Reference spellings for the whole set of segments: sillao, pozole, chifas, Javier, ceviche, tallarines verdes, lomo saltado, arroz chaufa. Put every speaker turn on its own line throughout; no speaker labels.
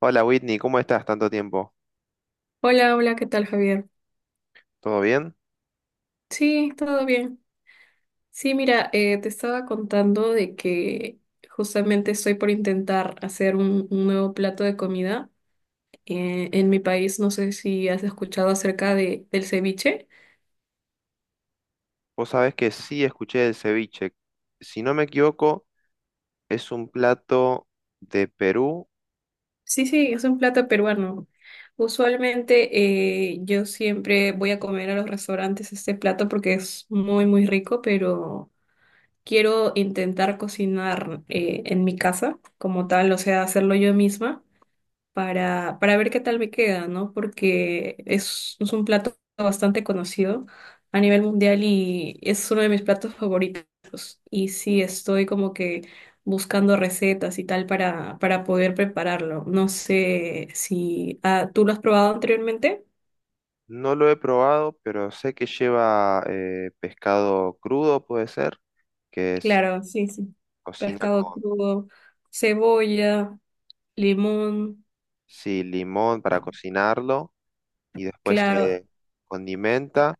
Hola, Whitney, ¿cómo estás? Tanto tiempo.
Hola, hola, ¿qué tal, Javier?
¿Todo bien?
Sí, todo bien. Sí, mira, te estaba contando de que justamente estoy por intentar hacer un nuevo plato de comida. En mi país, no sé si has escuchado acerca del ceviche.
Vos sabés que sí escuché el ceviche. Si no me equivoco, es un plato de Perú.
Sí, sí, es un plato peruano. Usualmente yo siempre voy a comer a los restaurantes este plato porque es muy, muy rico, pero quiero intentar cocinar en mi casa como tal, o sea, hacerlo yo misma. Para ver qué tal me queda, ¿no? Porque es un plato bastante conocido a nivel mundial y es uno de mis platos favoritos. Y sí, estoy como que buscando recetas y tal para poder prepararlo. No sé si tú lo has probado anteriormente.
No lo he probado, pero sé que lleva pescado crudo, puede ser, que se
Claro, sí, sí.
cocina
Pescado
con
crudo, cebolla, limón,
sí, limón para cocinarlo y después
claro.
se condimenta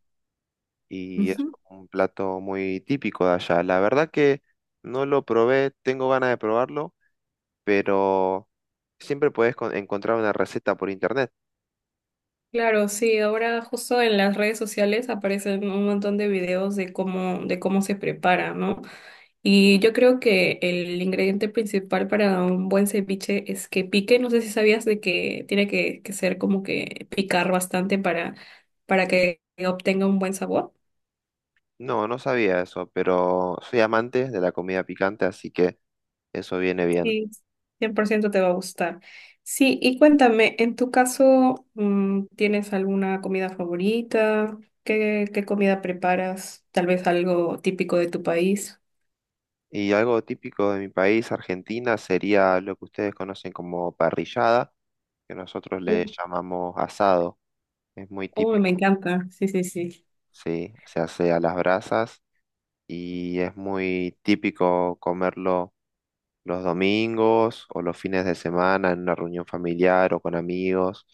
y es
Ujú.
un plato muy típico de allá. La verdad que no lo probé, tengo ganas de probarlo, pero siempre puedes encontrar una receta por internet.
Claro, sí, ahora justo en las redes sociales aparecen un montón de videos de de cómo se prepara, ¿no? Y yo creo que el ingrediente principal para un buen ceviche es que pique. No sé si sabías de que tiene que ser como que picar bastante para que obtenga un buen sabor.
No, no sabía eso, pero soy amante de la comida picante, así que eso viene bien.
Sí, 100% te va a gustar. Sí, y cuéntame, en tu caso, ¿tienes alguna comida favorita? Qué comida preparas? Tal vez algo típico de tu país.
Y algo típico de mi país, Argentina, sería lo que ustedes conocen como parrillada, que nosotros le
Uy,
llamamos asado. Es muy
uy, me
típico,
encanta. Sí, sí, sí.
sí, se hace a las brasas y es muy típico comerlo los domingos o los fines de semana en una reunión familiar o con amigos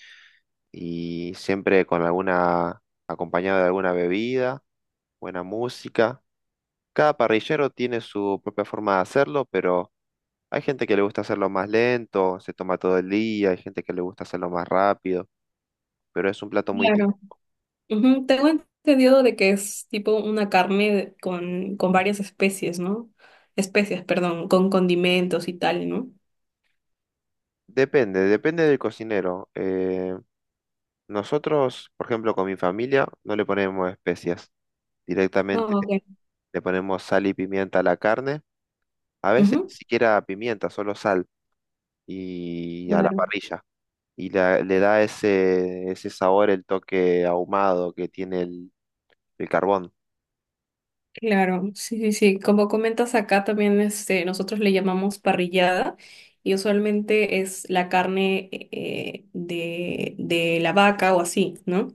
y siempre con alguna, acompañado de alguna bebida, buena música. Cada parrillero tiene su propia forma de hacerlo, pero hay gente que le gusta hacerlo más lento, se toma todo el día, hay gente que le gusta hacerlo más rápido, pero es un plato muy...
Claro. Ujú. Tengo entendido de que es tipo una carne con varias especies, ¿no? Especias, perdón, con condimentos y tal, ¿no?
Depende, depende del cocinero. Nosotros, por ejemplo, con mi familia no le ponemos especias.
Ah,
Directamente
ok.
le ponemos sal y pimienta a la carne. A veces ni
Ujú.
siquiera pimienta, solo sal y a la
Claro.
parrilla. Y le da ese, ese sabor, el toque ahumado que tiene el carbón.
Claro, sí, sí, sí. Como comentas acá también, este, nosotros le llamamos parrillada y usualmente es la carne de la vaca o así, ¿no?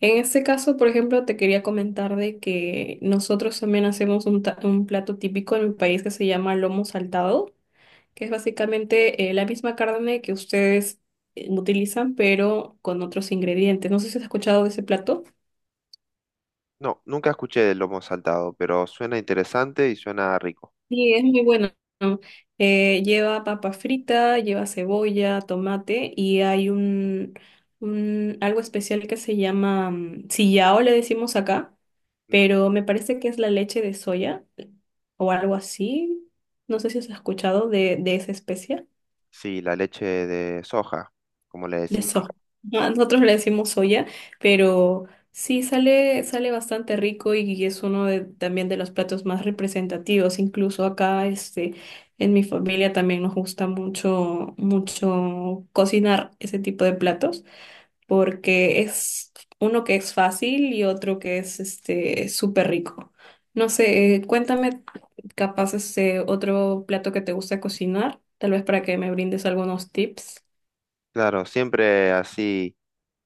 En este caso, por ejemplo, te quería comentar de que nosotros también hacemos un, un plato típico en mi país que se llama lomo saltado, que es básicamente la misma carne que ustedes utilizan, pero con otros ingredientes. No sé si has escuchado de ese plato.
No, nunca escuché del lomo saltado, pero suena interesante y suena rico.
Sí, es muy bueno. Lleva papa frita, lleva cebolla, tomate y hay un algo especial que se llama sillao, le decimos acá,
Ujú.
pero me parece que es la leche de soya o algo así. No sé si has escuchado de esa especia
Sí, la leche de soja, como le
de
decimos
soja.
acá.
Ah, nosotros le decimos soya, pero sí sale bastante rico y es uno de, también de los platos más representativos. Incluso acá, este, en mi familia también nos gusta mucho, mucho cocinar ese tipo de platos, porque es uno que es fácil y otro que es este súper rico. No sé, cuéntame capaz este otro plato que te gusta cocinar, tal vez para que me brindes algunos tips.
Claro, siempre así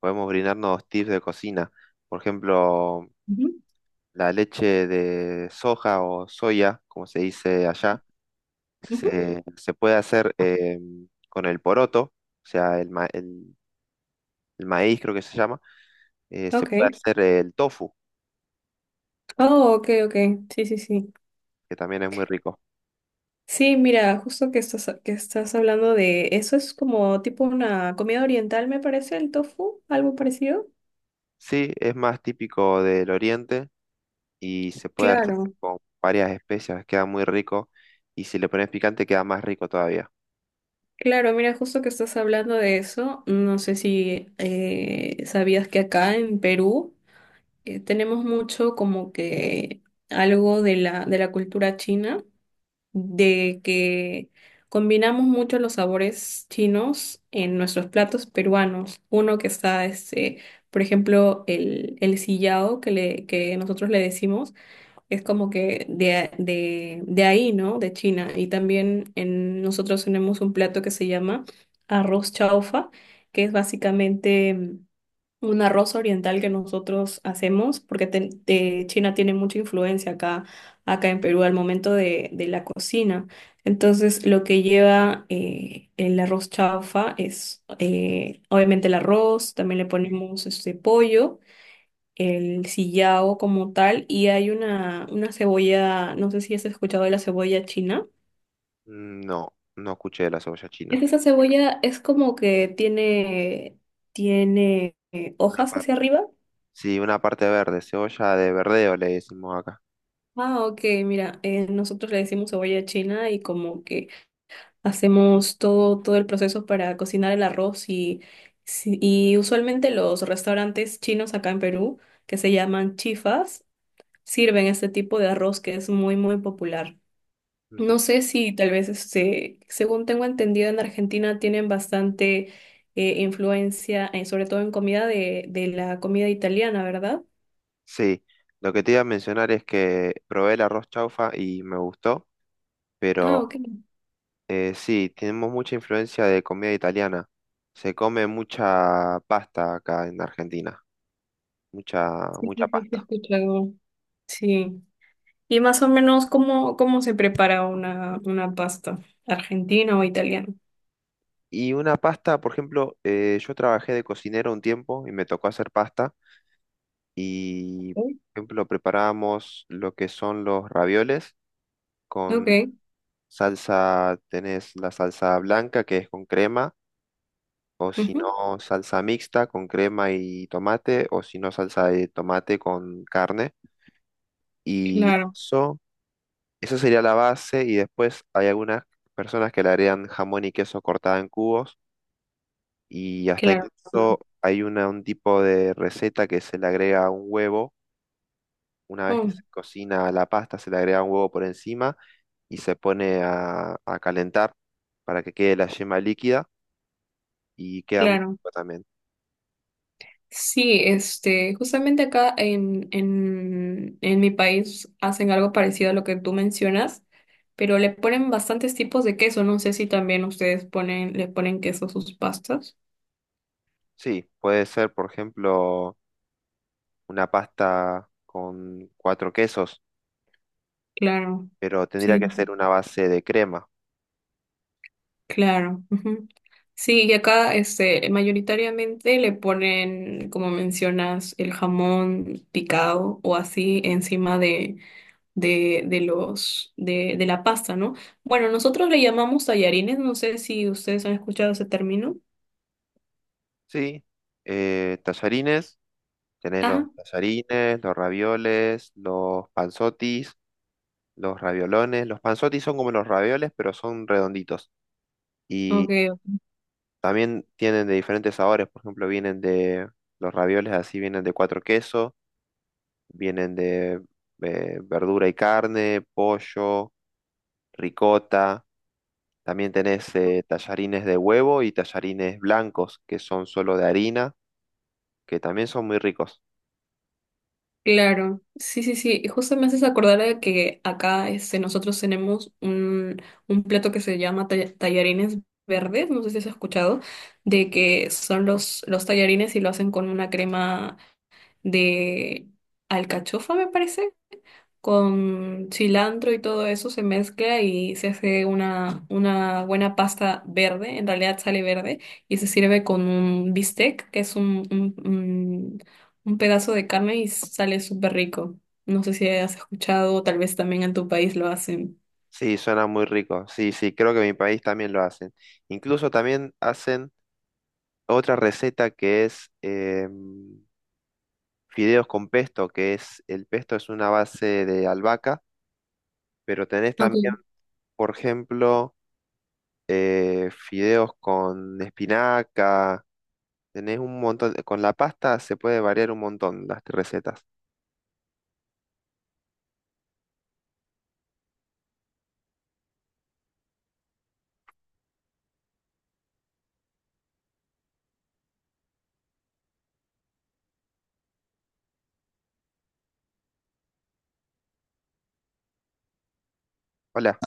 podemos brindarnos tips de cocina. Por ejemplo,
Ujú.
la leche de soja o soya, como se dice allá,
Ujú.
se puede hacer con el poroto, o sea, el maíz creo que se llama. Se puede
Ok.
hacer el tofu,
Oh, ok, ok. Sí, sí, sí.
que también es muy rico.
Sí, mira, justo que que estás hablando de eso, es como tipo una comida oriental, me parece, el tofu, algo parecido.
Sí, es más típico del oriente y se puede hacer
Claro,
con varias especias, queda muy rico. Y si le pones picante, queda más rico todavía.
claro, mira, justo que estás hablando de eso, no sé si sabías que acá en Perú tenemos mucho como que algo de de la cultura china. De que combinamos mucho los sabores chinos en nuestros platos peruanos. Uno que está, este, por ejemplo, el sillao que nosotros le decimos, es como que de ahí, ¿no? De China. Y también en, nosotros tenemos un plato que se llama arroz chaufa, que es básicamente un arroz oriental que nosotros hacemos, porque China tiene mucha influencia acá, acá en Perú al momento de la cocina. Entonces, lo que lleva el arroz chaufa es obviamente el arroz, también le ponemos este pollo, el sillao como tal, y hay una cebolla, no sé si has escuchado de la cebolla china.
No, no escuché de la cebolla china.
Es esa cebolla es como que tiene
Una
hojas
par-
hacia arriba.
sí, una parte verde, cebolla de verdeo le decimos acá.
Ah, ok, mira, nosotros le decimos cebolla china y como que hacemos todo el proceso para cocinar el arroz y, y usualmente los restaurantes chinos acá en Perú, que se llaman chifas, sirven este tipo de arroz que es muy, muy popular. No sé si tal vez, este, según tengo entendido, en Argentina tienen bastante influencia, sobre todo en comida de la comida italiana, ¿verdad?
Sí, lo que te iba a mencionar es que probé el arroz chaufa y me gustó,
Ah,
pero
ok, sí,
sí, tenemos mucha influencia de comida italiana. Se come mucha pasta acá en Argentina, mucha,
sí, sí,
mucha
sí, he
pasta.
escuchado. Sí. Y más o menos, ¿cómo, cómo se prepara una pasta argentina o italiana?
Y una pasta, por ejemplo, yo trabajé de cocinero un tiempo y me tocó hacer pasta y, por
Sí.
ejemplo, preparábamos lo que son los ravioles
Ok,
con salsa. Tenés la salsa blanca que es con crema. O si no,
ujú,
salsa mixta con crema y tomate, o si no, salsa de tomate con carne. Y
claro,
eso, esa sería la base. Y después hay algunas personas que le agregan jamón y queso cortada en cubos. Y hasta
claro.
incluso hay una, un tipo de receta que se le agrega un huevo. Una vez que
Oh,
se cocina la pasta, se le agrega un huevo por encima y se pone a calentar para que quede la yema líquida y queda muy
claro.
rico también.
Sí, este, justamente acá en mi país hacen algo parecido a lo que tú mencionas, pero le ponen bastantes tipos de queso. No sé si también ustedes ponen, le ponen queso a sus pastas.
Sí, puede ser, por ejemplo, una pasta con cuatro quesos,
Claro.
pero tendría
Sí.
que hacer una base de crema.
Claro. Ujú. Sí, y acá este, mayoritariamente le ponen, como mencionas, el jamón picado o así encima de la pasta, ¿no? Bueno, nosotros le llamamos tallarines, no sé si ustedes han escuchado ese término.
Sí, tallarines, tenés los
Ajá,
tallarines, los ravioles, los panzotis, los raviolones. Los panzotis son como los ravioles, pero son redonditos. Y
ok,
también tienen de diferentes sabores, por ejemplo, vienen de los ravioles así, vienen de cuatro quesos, vienen de verdura y carne, pollo, ricota. También tenés tallarines de huevo y tallarines blancos, que son solo de harina, que también son muy ricos.
claro, sí, sí, sí. Y justo me haces acordar de que acá este, nosotros tenemos un plato que se llama tallarines verdes, no sé si has escuchado, de que son los tallarines y lo hacen con una crema de alcachofa, me parece, con cilantro y todo eso se mezcla y se hace una buena pasta verde, en realidad sale verde, y se sirve con un bistec, que es un pedazo de carne y sale súper rico. No sé si has escuchado, o tal vez también en tu país lo hacen.
Sí, suena muy rico. Sí, sí, creo que en mi país también lo hacen. Incluso también hacen otra receta que es fideos con pesto, que es el pesto es una base de albahaca, pero tenés también, por ejemplo, fideos con espinaca, tenés un montón, con la pasta se puede variar un montón las recetas. Hola.